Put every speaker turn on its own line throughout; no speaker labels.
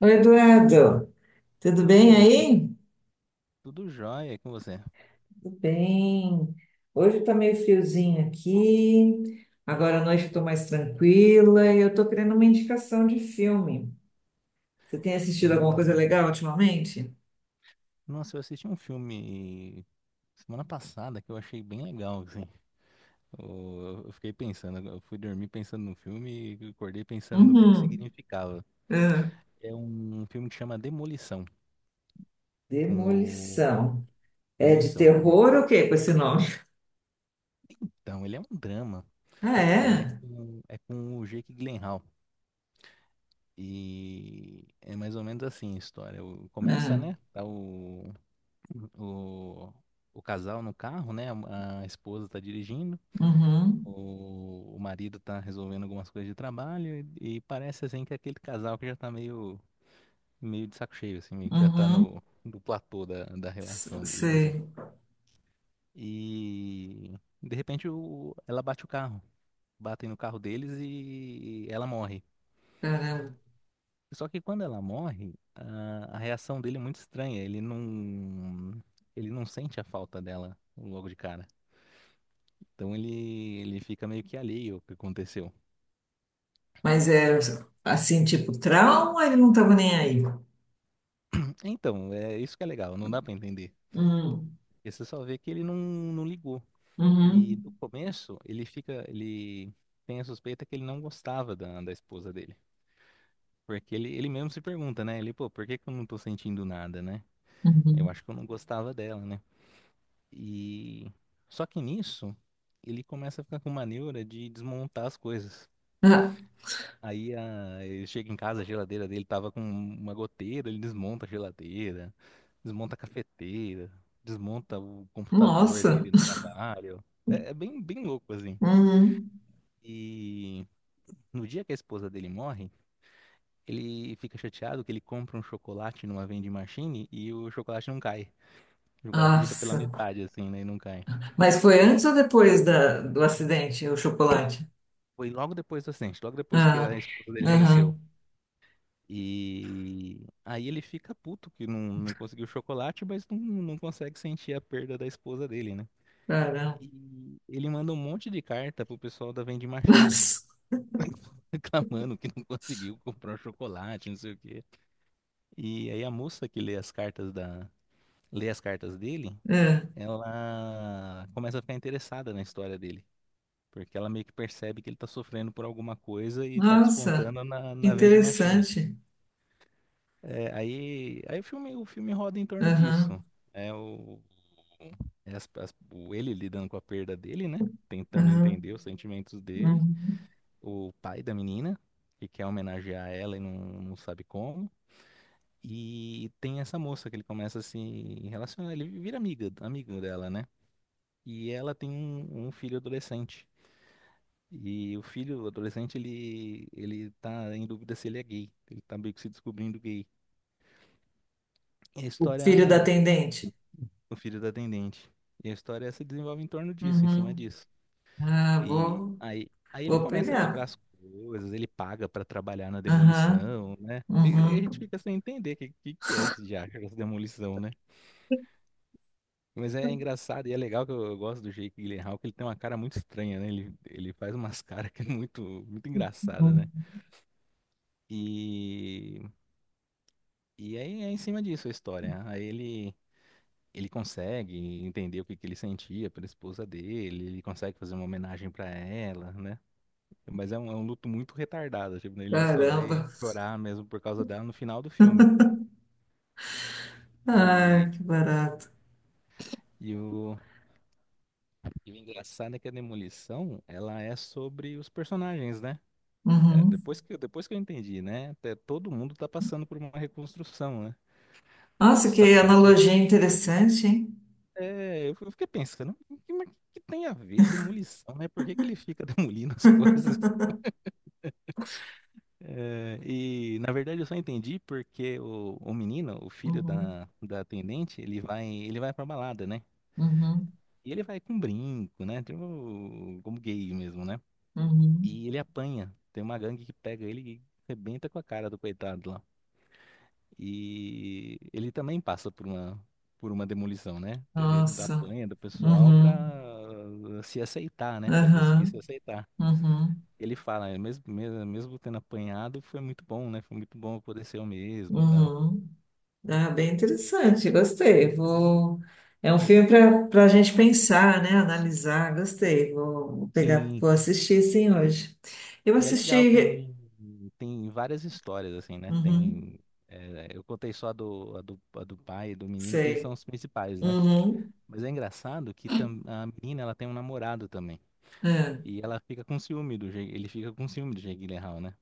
Oi, Eduardo, tudo
Oi,
bem
Inês,
aí?
tudo jóia e com você?
Tudo bem? Hoje tá meio friozinho aqui. Agora à noite eu tô mais tranquila e eu tô querendo uma indicação de filme. Você tem assistido alguma coisa
Hum,
legal ultimamente?
Nossa, eu assisti um filme semana passada que eu achei bem legal, assim. Eu fiquei pensando, eu fui dormir pensando no filme e acordei pensando no que
Uhum.
significava.
Ah,
É um filme que chama Demolição, com o...
Demolição. É de
Demolição, é com...
terror ou o quê com esse nome?
Então, ele é um drama,
Ah,
ele é
é?
com, é com o Jake Gyllenhaal. E é mais ou menos assim a história. Começa,
Ah,
né? Tá o, o casal no carro, né? A esposa tá dirigindo,
uhum,
o marido tá resolvendo algumas coisas de trabalho e parece assim que é aquele casal que já tá meio, meio de saco cheio, assim, meio que já tá
uhum,
no platô da
S-
relação deles, assim.
sei,
E de repente ela bate o carro, batem no carro deles e ela morre.
caramba.
Só que quando ela morre, a reação dele é muito estranha. Ele não sente a falta dela logo de cara. Então ele fica meio que alheio ao que aconteceu.
Mas é assim, tipo, trauma, ele não tava nem aí.
Então, é isso que é legal, não dá pra entender.
Hum,
Porque você só vê que ele não, não ligou. E
uhum.
do começo, ele tem a suspeita que ele não gostava da esposa dele. Porque ele mesmo se pergunta, né? Ele, pô, por que que eu não tô sentindo nada, né? Eu
Uhum.
acho que eu não gostava dela, né? E só que nisso, ele começa a ficar com uma neura de desmontar as coisas.
Ah,
Aí ele chega em casa, a geladeira dele tava com uma goteira, ele desmonta a geladeira, desmonta a cafeteira, desmonta o computador
nossa.
dele no trabalho. É, é bem louco, assim.
Uhum.
E no dia que a esposa dele morre, ele fica chateado que ele compra um chocolate numa vending machine e o chocolate não cai. O chocolate fica pela
Nossa.
metade, assim, né? E não cai.
Mas foi antes ou depois da, do acidente, o chocolate?
Foi logo depois do acidente, logo depois que
Ah,
a esposa dele faleceu.
aham.
E aí ele fica puto que não conseguiu chocolate, mas não consegue sentir a perda da esposa dele, né?
Caramba.
E ele manda um monte de carta pro pessoal da vending machine,
Nossa.
reclamando que não conseguiu comprar o chocolate, não sei o quê. E aí a moça que lê as cartas dele,
É.
ela começa a ficar interessada na história dele. Porque ela meio que percebe que ele tá sofrendo por alguma coisa e tá
Nossa.
descontando na,
Que
na vending machine.
interessante.
É, aí o filme roda em torno disso.
Aham.
É o, é as- as- o ele lidando com a perda dele, né? Tentando
Aham.
entender os sentimentos dele.
Uhum.
O pai da menina, que quer homenagear ela e não sabe como. E tem essa moça que ele começa a se relacionar. Ele vira amigo dela, né? E ela tem um filho adolescente. E o filho adolescente, ele tá em dúvida se ele é gay. Ele tá meio que se descobrindo gay. E a
O
história
filho da atendente.
O filho da atendente. E a história se desenvolve em torno disso, em cima
Uhum.
disso.
Ah,
E
vou,
aí, aí ele
vou
começa a quebrar
pegar.
as coisas, ele paga pra trabalhar na
Aham.
demolição, né? E a gente
Uhum.
fica sem entender que é esse diacho, essa demolição, né? Mas é engraçado e é legal que eu gosto do Jake Gyllenhaal, que ele tem uma cara muito estranha, né? Ele faz umas caras que é muito, muito engraçada, né?
Uhum.
E, e aí é em cima disso a história. Aí ele Ele consegue entender o que que ele sentia pela esposa dele, ele consegue fazer uma homenagem pra ela, né? Mas é um luto muito retardado, tipo, ele só vai
Caramba.
chorar mesmo por causa dela no final do filme.
Ah,
E,
que barato.
e, o, e o engraçado é que a Demolição, ela é sobre os personagens, né? É,
Uhum.
depois que eu entendi, né? Até todo mundo tá passando por uma reconstrução, né?
Nossa, que
Só que pra reconstrução.
analogia interessante, hein?
É, eu fiquei pensando, mas o que tem a ver demolição, né? Por que que ele fica demolindo as coisas? É, e na verdade eu só entendi porque o menino, o filho
Uhum.
da atendente, ele vai pra balada, né?
Uhum,
E ele vai com brinco, né? Tipo, como gay mesmo, né?
uhum.
E ele apanha. Tem uma gangue que pega ele e arrebenta com a cara do coitado lá. E ele também passa por por uma demolição, né? Ele
Nossa.
apanha do pessoal
Uhum,
pra se aceitar, né? Pra conseguir se
aham,
aceitar.
uhum,
Ele fala, "É, mesmo tendo apanhado, foi muito bom, né? Foi muito bom poder ser eu mesmo, tal.
uhum. Ah, bem interessante, gostei.
É bem.
Vou. É um filme para a gente pensar, né? Analisar, gostei. Vou pegar,
Sim,
vou assistir sim hoje. Eu
e é legal,
assisti.
tem, tem várias histórias, assim, né?
Uhum,
Tem. É, eu contei só a do pai e do menino, que eles são
sei.
os principais, né?
Uhum,
Mas é engraçado que a menina, ela tem um namorado também.
é.
E ela fica com ciúme do Jake, ele fica com ciúme do Jake Gyllenhaal, né?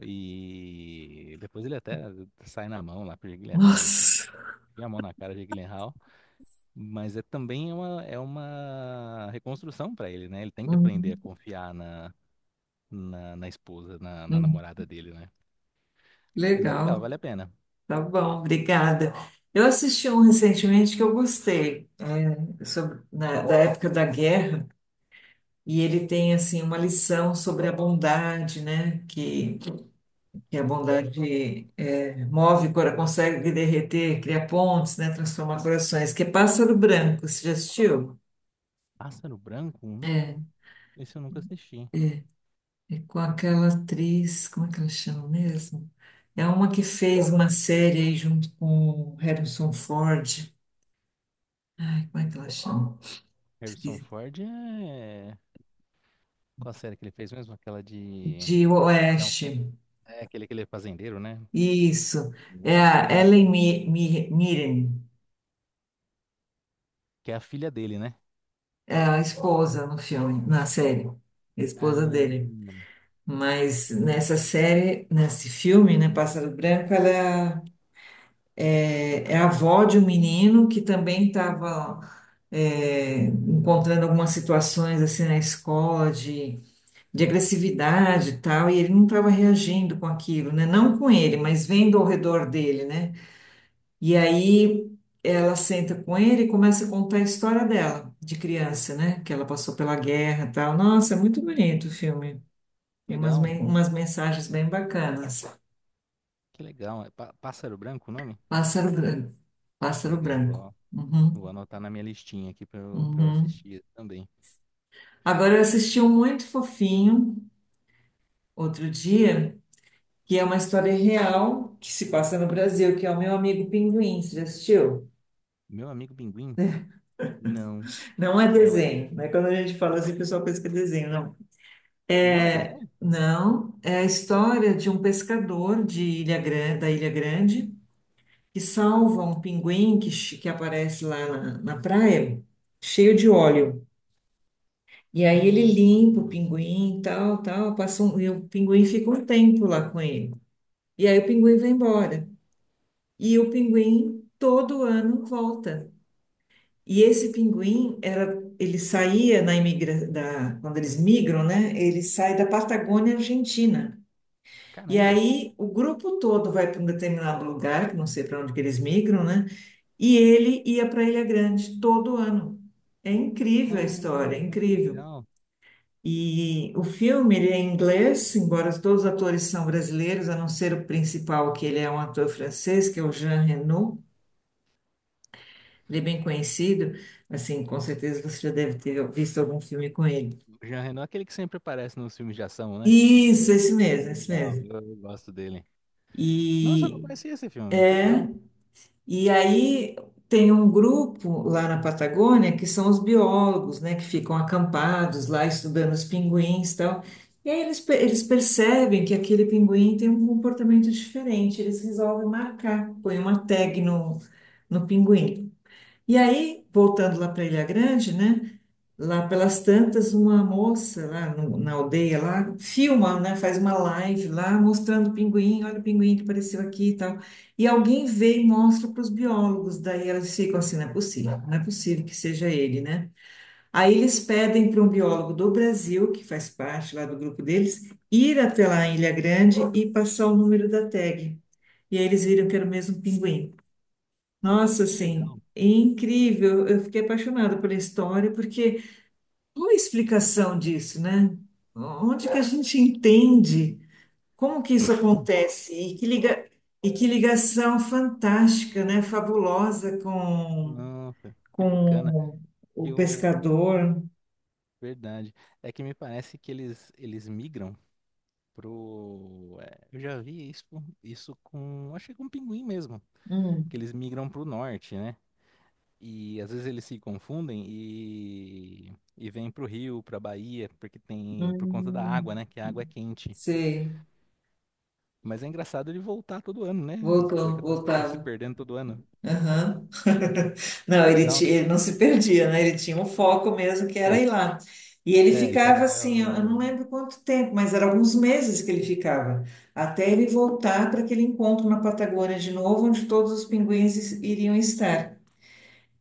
E depois ele até sai na mão lá pro Jake Gyllenhaal,
Nossa.
enfia a mão na cara do Jake Gyllenhaal. Mas é também é uma reconstrução para ele, né? Ele tem que aprender a
Uhum,
confiar na esposa, na
uhum.
namorada dele, né? Mas é legal,
Legal.
vale a pena.
Tá bom, obrigada. Eu assisti um recentemente que eu gostei, é, sobre, da época da guerra. E ele tem assim uma lição sobre a bondade, né? Que a bondade é, move, consegue derreter, cria pontes, né? Transforma corações. Que é Pássaro Branco, você já assistiu?
Pássaro Branco? Não. Esse eu nunca assisti.
É com aquela atriz, como é que ela chama mesmo? É uma que fez uma série aí junto com o Harrison Ford. Ai, como é que ela chama?
Harrison
Esqueci.
Ford, é. Qual a série que ele fez mesmo? Aquela de...
De
É,
Oeste.
é aquele fazendeiro, né?
Isso. É
Nossa,
a
tá,
Ellen Mirren.
que é a filha dele, né?
É a esposa no filme, na série, a esposa dele.
Ah,
Mas nessa série, nesse filme, né, Pássaro Branco, ela é, é a avó de um menino que também estava encontrando algumas situações assim na escola de agressividade e tal, e ele não estava reagindo com aquilo, né? Não com ele, mas vendo ao redor dele, né? E aí ela senta com ele e começa a contar a história dela, de criança, né? Que ela passou pela guerra e tal. Nossa, é muito bonito o filme.
que
Tem umas, men-
legal,
umas mensagens bem bacanas.
que legal. É Pássaro Branco o nome?
Pássaro branco. Pássaro
Legal,
branco.
vou
Uhum,
anotar na minha listinha aqui pra eu
uhum.
assistir também.
Agora eu assisti um muito fofinho outro dia, que é uma história real que se passa no Brasil, que é o meu amigo Pinguim. Você já assistiu?
Meu amigo Pinguim? Não,
Não é
não é, de-
desenho, né? Quando a gente fala assim, o pessoal pensa que é desenho. Não.
não é
É,
desenho?
não, é a história de um pescador de Ilha Grande, da Ilha Grande que salva um pinguim que, que aparece lá na praia, cheio de óleo. E aí ele
Ah,
limpa o pinguim, tal, tal, passa um, e o pinguim fica um tempo lá com ele. E aí o pinguim vai embora. E o pinguim todo ano volta. E esse pinguim era, ele saía na imigra, da, quando eles migram, né? Ele sai da Patagônia Argentina. E
caramba.
aí o grupo todo vai para um determinado lugar, que não sei para onde que eles migram, né? E ele ia para Ilha Grande todo ano. É incrível a
Ah,
história, é
que
incrível.
legal.
E o filme, ele é em inglês, embora todos os atores são brasileiros, a não ser o principal, que ele é um ator francês, que é o Jean Reno. Ele é bem conhecido, assim, com certeza você já deve ter visto algum filme com ele.
O Jean Reno é aquele que sempre aparece nos filmes de ação, né?
Isso, esse mesmo, esse
Legal,
mesmo.
eu gosto dele. Nossa, eu não
E
conhecia esse filme. Que
é
legal,
E aí tem um grupo lá na Patagônia que são os biólogos, né, que ficam acampados lá estudando os pinguins e tal. E aí eles percebem que aquele pinguim tem um comportamento diferente, eles resolvem marcar, põem uma tag no pinguim. E aí, voltando lá para Ilha Grande, né? Lá pelas tantas, uma moça lá na aldeia lá filma, né? Faz uma live lá mostrando o pinguim, olha o pinguim que apareceu aqui e tal. E alguém vê e mostra para os biólogos, daí elas ficam assim, não é possível, não é possível que seja ele, né? Aí eles pedem para um biólogo do Brasil, que faz parte lá do grupo deles, ir até lá em Ilha Grande e passar o número da tag. E aí eles viram que era o mesmo pinguim. Nossa,
que
assim,
legal.
incrível. Eu fiquei apaixonada pela história, porque uma explicação disso, né? Onde que a gente entende como que isso acontece e que liga, e que ligação fantástica, né? Fabulosa com,
Nossa, que bacana.
com o
Que o
pescador.
verdade é que me parece que eles migram pro... É, eu já vi isso com, acho que com pinguim mesmo.
Hum,
Que eles migram pro norte, né? E às vezes eles se confundem e vêm pro Rio, pra Bahia, porque tem, por conta da
hum,
água, né? Que a água é quente.
sei,
Mas é engraçado ele voltar todo ano, né? Tá,
voltou,
tá- tá- tá se
voltava.
perdendo todo ano.
Aham. Não, ele,
Legal,
ti- ele não se perdia, né? Ele tinha um foco mesmo que
é,
era ir lá. E ele
Ele tá
ficava
vendo.
assim, eu não lembro quanto tempo, mas era alguns meses que ele ficava, até ele voltar para aquele encontro na Patagônia de novo, onde todos os pinguins iriam estar.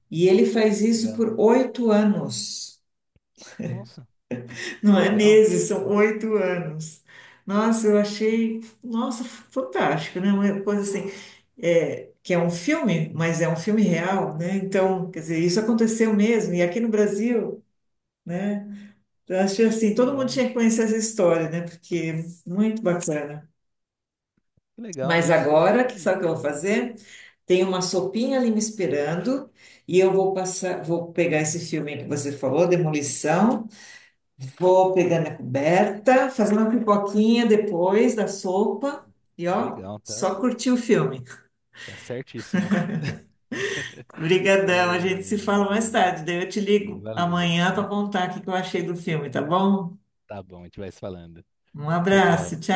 E ele faz isso
Legal.
por 8 anos.
Nossa,
Não
que
é
legal,
meses, são 8 anos. Nossa, eu achei, nossa, fantástico, né? Uma coisa assim, é, que é um filme, mas é um filme real, né? Então, quer dizer, isso aconteceu mesmo, e aqui no Brasil, né? Eu achei assim,
que
todo mundo
legal,
tinha que conhecer essa história, né? Porque é muito bacana.
que legal.
Mas
Eu
agora, que sabe o que eu vou
não-
fazer? Tem uma sopinha ali me esperando, e eu vou passar, vou pegar esse filme que você falou, Demolição. Vou pegar minha coberta, fazer uma pipoquinha depois da sopa e ó,
Legal, tá?
só curtir o filme.
Tá certíssima.
Obrigadão, a
É,
gente se fala mais tarde. Daí eu te ligo
valeu.
amanhã para
Aí,
contar o que que eu achei do filme, tá bom?
tá bom, a gente vai se falando.
Um
Tchau,
abraço,
tchau.
tchau.